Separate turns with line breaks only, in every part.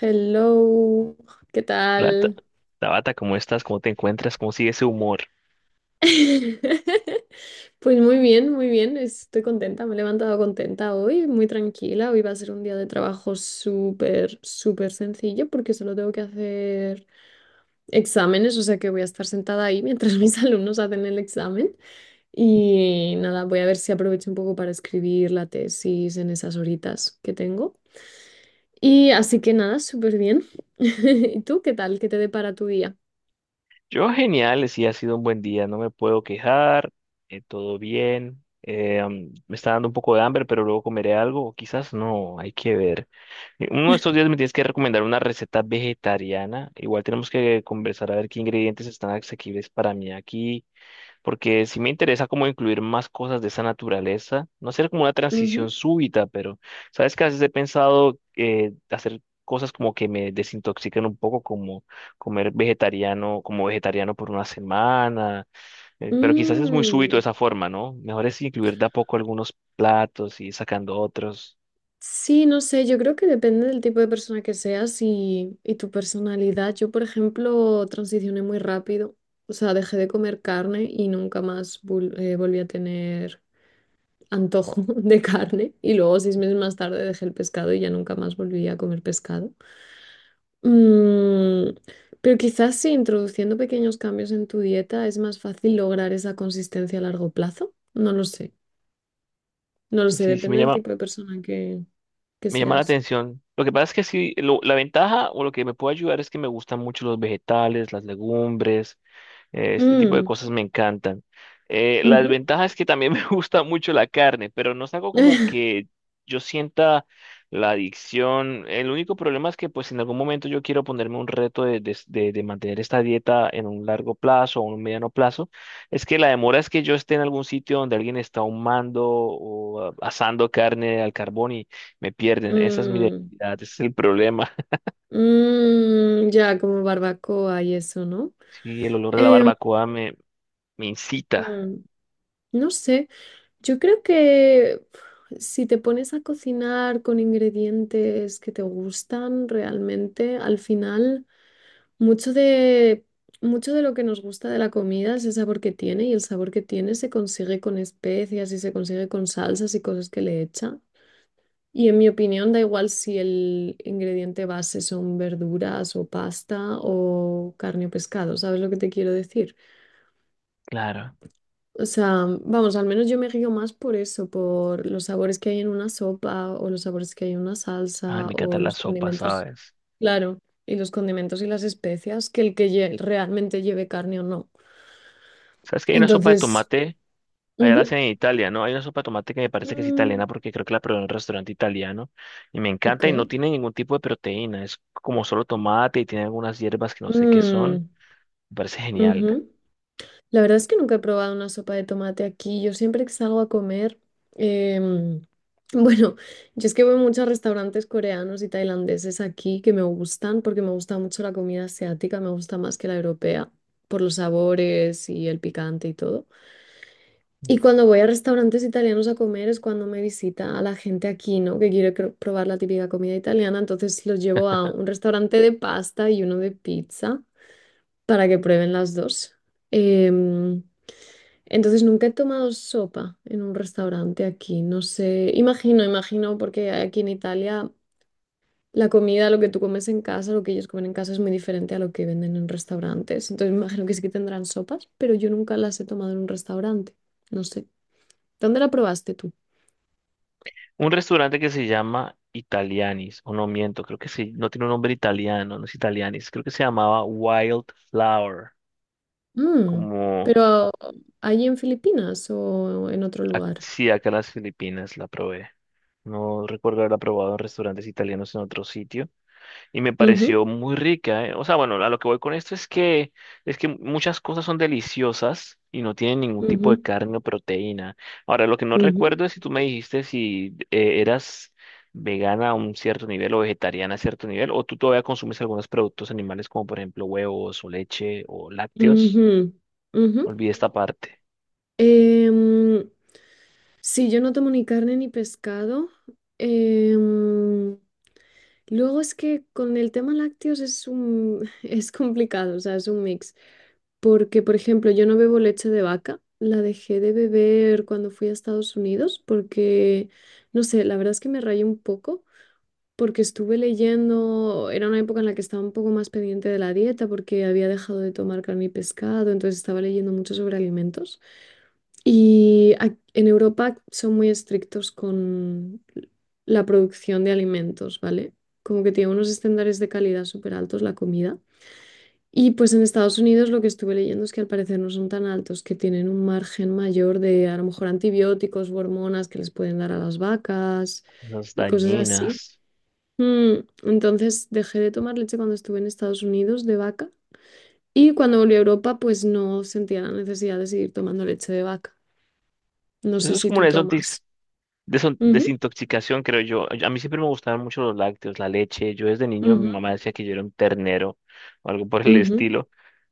Hello, ¿qué
Hola,
tal?
Tabata, ¿cómo estás? ¿Cómo te encuentras? ¿Cómo sigue ese humor?
Pues muy bien, estoy contenta, me he levantado contenta hoy, muy tranquila, hoy va a ser un día de trabajo súper sencillo porque solo tengo que hacer exámenes, o sea que voy a estar sentada ahí mientras mis alumnos hacen el examen y nada, voy a ver si aprovecho un poco para escribir la tesis en esas horitas que tengo. Y así que nada, súper bien. ¿Y tú qué tal? ¿Qué te depara tu día?
Yo genial, sí, ha sido un buen día, no me puedo quejar. Todo bien. Me está dando un poco de hambre, pero luego comeré algo, o quizás no, hay que ver. Uno de estos días me tienes que recomendar una receta vegetariana. Igual tenemos que conversar a ver qué ingredientes están asequibles para mí aquí, porque sí me interesa como incluir más cosas de esa naturaleza, no hacer como una transición súbita. Pero sabes que a veces he pensado hacer cosas como que me desintoxiquen un poco, como comer vegetariano, como vegetariano por una semana. Pero quizás es muy súbito de
Mm,
esa forma, ¿no? Mejor es incluir de a poco algunos platos y sacando otros.
sí, no sé, yo creo que depende del tipo de persona que seas y tu personalidad. Yo, por ejemplo, transicioné muy rápido, o sea, dejé de comer carne y nunca más volví a tener antojo de carne. Y luego, seis meses más tarde, dejé el pescado y ya nunca más volví a comer pescado. Mm, pero quizás sí, introduciendo pequeños cambios en tu dieta es más fácil lograr esa consistencia a largo plazo. No lo sé,
Sí,
depende del tipo de persona que
me llama la
seas.
atención. Lo que pasa es que sí, la ventaja o lo que me puede ayudar es que me gustan mucho los vegetales, las legumbres. Este tipo de
Mm,
cosas me encantan. La
ujú.
desventaja es que también me gusta mucho la carne, pero no es algo como que yo sienta la adicción. El único problema es que pues en algún momento yo quiero ponerme un reto de mantener esta dieta en un largo plazo o un mediano plazo. Es que la demora es que yo esté en algún sitio donde alguien está ahumando o asando carne al carbón y me pierden. Esa es mi
Mm,
debilidad, ese es el problema.
mm, ya, como barbacoa y eso, ¿no?
Sí, el olor de
Em,
me incita.
mm, no sé, yo creo que pf, si te pones a cocinar con ingredientes que te gustan realmente, al final mucho de, mucho de lo que nos gusta de la comida es el sabor que tiene y el sabor que tiene se consigue con especias y se consigue con salsas y cosas que le echan. Y en mi opinión, da igual si el ingrediente base son verduras o pasta o carne o pescado, ¿sabes lo que te quiero decir?
Claro.
O sea, vamos, al menos yo me guío más por eso, por los sabores que hay en una sopa o los sabores que hay en una
Ay,
salsa
me
o
encantan
los
las sopas,
condimentos,
¿sabes?
claro, y los condimentos y las especias que el que realmente lleve carne o no.
¿Sabes que hay una sopa de
Entonces,
tomate? Allá la
ujú,
hacen en Italia, ¿no? Hay una sopa de tomate que me parece que es
mm,
italiana porque creo que la probé en un restaurante italiano y me
ok.
encanta, y no tiene ningún tipo de proteína. Es como solo tomate y tiene algunas hierbas que no sé qué son.
Mm,
Me parece genial.
ujú. La verdad es que nunca he probado una sopa de tomate aquí. Yo siempre que salgo a comer, em, bueno, yo es que voy mucho a muchos restaurantes coreanos y tailandeses aquí que me gustan porque me gusta mucho la comida asiática, me gusta más que la europea por los sabores y el picante y todo. Y
Mm.
cuando voy a restaurantes italianos a comer es cuando me visita a la gente aquí, ¿no? Que quiere probar la típica comida italiana, entonces los llevo a un restaurante de pasta y uno de pizza para que prueben las dos. Em, entonces nunca he tomado sopa en un restaurante aquí, no sé, imagino, porque aquí en Italia la comida, lo que tú comes en casa, lo que ellos comen en casa es muy diferente a lo que venden en restaurantes. Entonces me imagino que sí que tendrán sopas, pero yo nunca las he tomado en un restaurante, no sé. ¿Dónde la probaste tú?
Un restaurante que se llama Italianis, o no miento, creo que sí, no tiene un nombre italiano, no es Italianis, creo que se llamaba Wildflower,
Mm,
como…
pero allí en Filipinas o en otro lugar.
Sí, acá en las Filipinas la probé. No recuerdo haberla probado en restaurantes italianos en otro sitio. Y me
Ujú,
pareció muy rica, ¿eh? O sea, bueno, a lo que voy con esto es que muchas cosas son deliciosas y no tienen ningún tipo de
ujú,
carne o proteína. Ahora, lo que no
ujú,
recuerdo es si tú me dijiste si eras vegana a un cierto nivel o vegetariana a cierto nivel, o tú todavía consumes algunos productos animales como por ejemplo huevos o leche o lácteos.
ujú, ujú.
Olvidé esta parte.
Em, sí, yo no tomo ni carne ni pescado. Em, luego es que con el tema lácteos es un, es complicado, o sea, es un mix. Porque, por ejemplo, yo no bebo leche de vaca. La dejé de beber cuando fui a Estados Unidos porque, no sé, la verdad es que me rayé un poco porque estuve leyendo, era una época en la que estaba un poco más pendiente de la dieta porque había dejado de tomar carne y pescado, entonces estaba leyendo mucho sobre alimentos. Y en Europa son muy estrictos con la producción de alimentos, ¿vale? Como que tiene unos estándares de calidad súper altos la comida. Y pues en Estados Unidos lo que estuve leyendo es que al parecer no son tan altos, que tienen un margen mayor de a lo mejor antibióticos u hormonas que les pueden dar a las vacas
Las
y cosas así.
dañinas.
Mm, entonces dejé de tomar leche cuando estuve en Estados Unidos de vaca y cuando volví a Europa pues no sentía la necesidad de seguir tomando leche de vaca. No
Eso
sé
es
si
como
tú
una
tomas. Ujú,
Desintoxicación, creo yo. A mí siempre me gustaban mucho los lácteos, la leche. Yo desde niño mi
ujú,
mamá decía que yo era un ternero o algo por el
ujú,
estilo.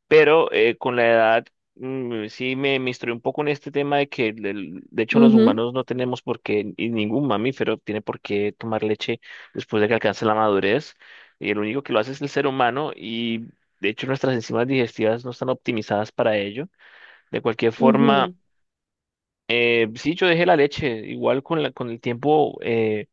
Pero con la edad sí me instruí un poco en este tema de que de hecho los
ujú,
humanos no tenemos por qué, y ningún mamífero tiene por qué tomar leche después de que alcance la madurez. Y el único que lo hace es el ser humano, y de hecho nuestras enzimas digestivas no están optimizadas para ello. De cualquier forma,
ujú,
sí, yo dejé la leche. Igual con el tiempo.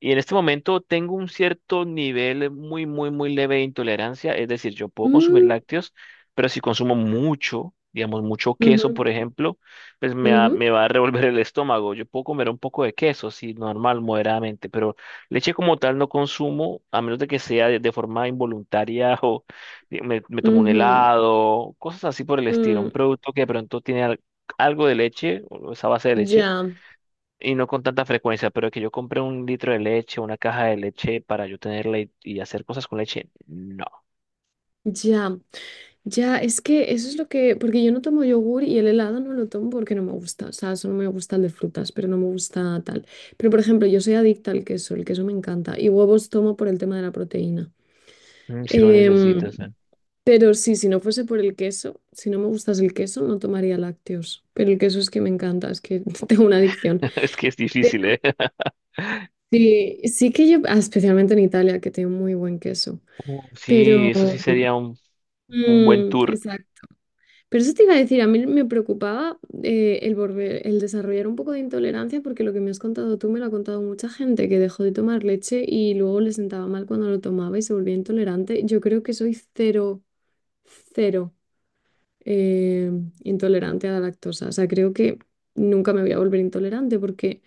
Y en este momento tengo un cierto nivel muy, muy, muy leve de intolerancia, es decir, yo puedo consumir
mm,
lácteos, pero si consumo mucho, digamos, mucho queso,
ujú,
por ejemplo, pues
ujú,
me va a revolver el estómago. Yo puedo comer un poco de queso, sí, normal, moderadamente, pero leche como tal no consumo, a menos de que sea de forma involuntaria, o me tomo un
ujú,
helado, cosas así por el estilo,
mm,
un producto que de pronto tiene algo de leche, o esa base de leche,
ya,
y no con tanta frecuencia. Pero que yo compré un litro de leche, una caja de leche para yo tenerla y hacer cosas con leche, no.
ya, ya, es que eso es lo que, porque yo no tomo yogur y el helado no lo tomo porque no me gusta, o sea, solo me gusta el de frutas, pero no me gusta tal. Pero por ejemplo, yo soy adicta al queso, el queso me encanta y huevos tomo por el tema de la proteína.
Mm, si lo
Em,
necesitas, ¿eh?
pero sí, si no fuese por el queso, si no me gustas el queso, no tomaría lácteos, pero el queso es que me encanta, es que tengo una adicción.
Es que es difícil, ¿eh?
Sí, sí que yo, ah, especialmente en Italia, que tiene muy buen queso, pero...
Sí, eso sí sería un buen
mm,
tour
exacto. Pero eso te iba a decir, a mí me preocupaba el el desarrollar un poco de intolerancia, porque lo que me has contado tú me lo ha contado mucha gente que dejó de tomar leche y luego le sentaba mal cuando lo tomaba y se volvía intolerante. Yo creo que soy cero eh, intolerante a la lactosa. O sea, creo que nunca me voy a volver intolerante porque...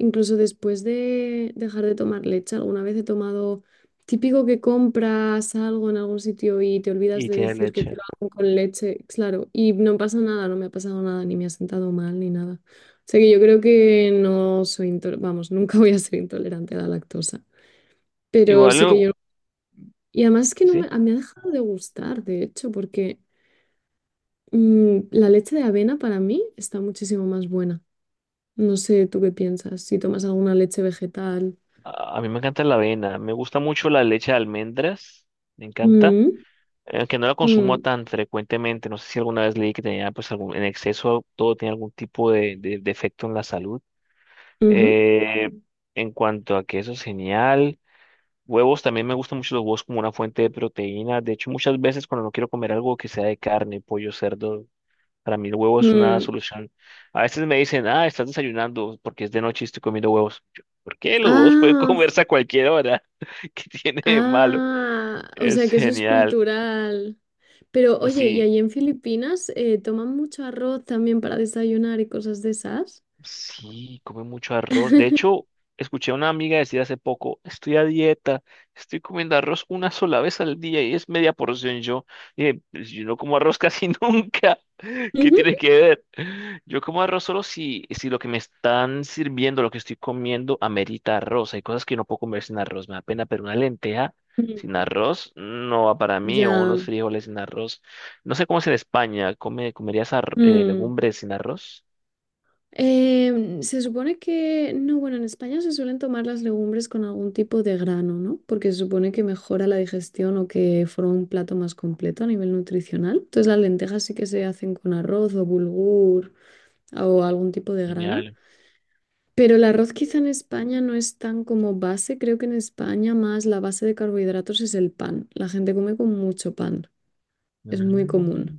Incluso después de dejar de tomar leche, alguna vez he tomado, típico que compras algo en algún sitio y te olvidas
y
de
tiene
decir que te
leche.
lo hago con leche, claro, y no pasa nada, no me ha pasado nada, ni me ha sentado mal, ni nada. O sea que yo creo que no soy, vamos, nunca voy a ser intolerante a la lactosa, pero
Igual,
sí que yo... no. Y además es que no me,
sí,
me ha dejado de gustar, de hecho, porque mm, la leche de avena para mí está muchísimo más buena. No sé, ¿tú qué piensas? Si tomas alguna leche vegetal.
a mí me encanta la avena, me gusta mucho la leche de almendras, me encanta,
Mm.
aunque no la consumo
Mm,
tan frecuentemente. No sé si alguna vez leí que tenía pues algún, en exceso todo tiene algún tipo de efecto en la salud.
ujú,
Eh, en cuanto a que eso es genial. Huevos, también me gustan mucho los huevos como una fuente de proteína. De hecho, muchas veces cuando no quiero comer algo que sea de carne, pollo, cerdo, para mí el huevo es una
mm.
solución. A veces me dicen, ah, estás desayunando porque es de noche y estoy comiendo huevos. Yo, ¿por qué? Los huevos pueden
Ah,
comerse a cualquier hora. ¿Qué tiene de malo?
ah, o sea
Es
que eso es
genial.
cultural. Pero oye, ¿y
Sí.
allí en Filipinas toman mucho arroz también para desayunar y cosas de esas?
Sí, come mucho arroz. De hecho, escuché a una amiga decir hace poco, estoy a dieta, estoy comiendo arroz una sola vez al día y es media porción. Yo dije, "Pues yo no como arroz casi nunca. ¿Qué
Ujú.
tiene que ver?" Yo como arroz solo si, si lo que me están sirviendo, lo que estoy comiendo, amerita arroz. Hay cosas que no puedo comer sin arroz, me da pena, pero una lenteja
Mm,
sin arroz no va para mí, o unos
ya.
frijoles sin arroz. No sé cómo es en España, ¿come, comerías
Mm.
legumbres sin arroz?
Se supone que, no, bueno, en España se suelen tomar las legumbres con algún tipo de grano, ¿no? Porque se supone que mejora la digestión o que forma un plato más completo a nivel nutricional. Entonces las lentejas sí que se hacen con arroz o bulgur, o algún tipo de grano.
Genial.
Pero el arroz quizá en España no es tan como base. Creo que en España más la base de carbohidratos es el pan. La gente come con mucho pan. Es muy común.
Mm,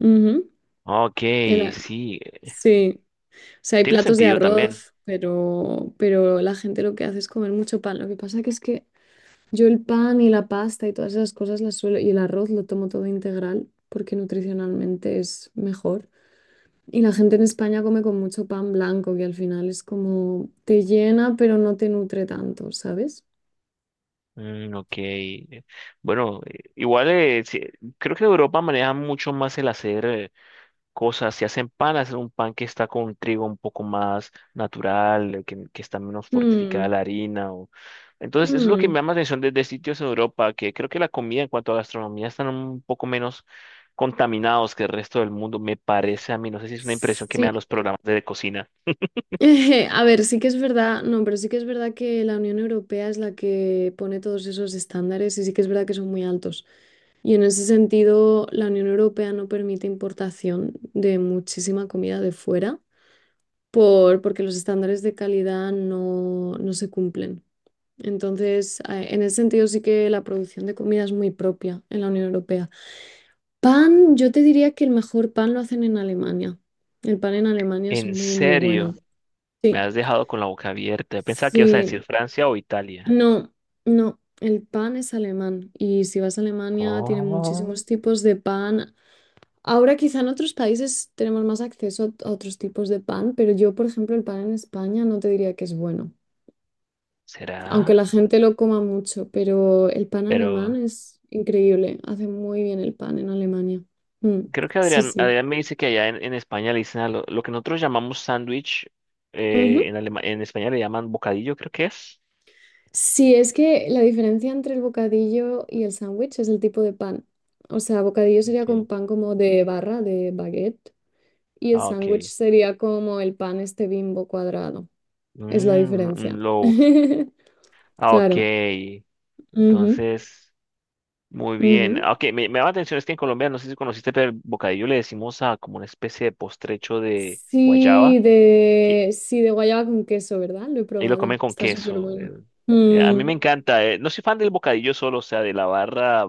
Ujú.
ok,
El a-
sí,
sí. O sea, hay
tiene
platos de
sentido también.
arroz, pero la gente lo que hace es comer mucho pan. Lo que pasa que es que yo el pan y la pasta y todas esas cosas las suelo, y el arroz lo tomo todo integral porque nutricionalmente es mejor. Y la gente en España come con mucho pan blanco, que al final es como te llena, pero no te nutre tanto, ¿sabes?
Mm, ok, bueno, igual Sí, creo que Europa maneja mucho más el hacer cosas, si hacen pan, hacen un pan que está con trigo un poco más natural, que está menos fortificada
Mm,
la harina. Entonces, eso es lo que me
mm.
llama la atención desde sitios en Europa, que creo que la comida en cuanto a gastronomía están un poco menos contaminados que el resto del mundo, me parece a mí, no sé si es una impresión que me
Sí.
dan los programas de cocina.
A ver, sí que es verdad, no, pero sí que es verdad que la Unión Europea es la que pone todos esos estándares y sí que es verdad que son muy altos. Y en ese sentido, la Unión Europea no permite importación de muchísima comida de fuera porque los estándares de calidad no, no se cumplen. Entonces, en ese sentido sí que la producción de comida es muy propia en la Unión Europea. Pan, yo te diría que el mejor pan lo hacen en Alemania. El pan en Alemania es
¿En
muy bueno.
serio? Me
Sí,
has dejado con la boca abierta. Yo pensaba que ibas a decir
sí,
Francia o Italia.
no, no, el pan es alemán y si vas a Alemania tienen muchísimos
Oh.
tipos de pan. Ahora quizá en otros países tenemos más acceso a otros tipos de pan, pero yo, por ejemplo, el pan en España no te diría que es bueno, aunque la
¿Será?
gente lo coma mucho, pero el pan alemán
Pero
es increíble, hace muy bien el pan en Alemania. Mm,
creo que
sí,
Adrián,
sí.
Adrián me dice que allá en España le dicen a lo que nosotros llamamos sándwich,
Ujú.
en España le llaman bocadillo, creo que es.
Sí, es que la diferencia entre el bocadillo y el sándwich es el tipo de pan. O sea, bocadillo sería
Okay.
con pan como de barra, de baguette, y el
Ah, ok.
sándwich sería como el pan este Bimbo cuadrado. Es la
Mm, un
diferencia.
loaf. Ah, ok.
Claro. Ujú,
Entonces, muy bien.
ujú.
Ah, ok, me llama la atención es que en Colombia, no sé si conociste, pero el bocadillo le decimos a como una especie de postrecho de guayaba.
Sí, de guayaba con queso, ¿verdad? Lo he
Y lo
probado.
comen con
Está súper
queso.
bueno.
A mí
Mm,
me encanta. No soy fan del bocadillo solo, o sea, de la barra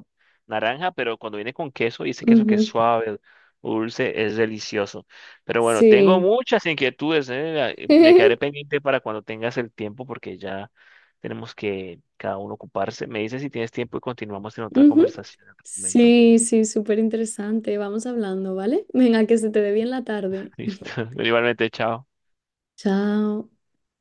naranja, pero cuando viene con queso y ese queso que es
ujú.
suave, dulce, es delicioso. Pero bueno, tengo
Sí.
muchas inquietudes. Me quedaré pendiente para cuando tengas el tiempo porque ya tenemos que cada uno ocuparse. Me dices si tienes tiempo y continuamos en otra
Ujú.
conversación en otro momento.
Sí, sí, súper interesante. Vamos hablando, ¿vale? Venga, que se te dé bien la tarde.
Listo. Igualmente, chao.
Chao.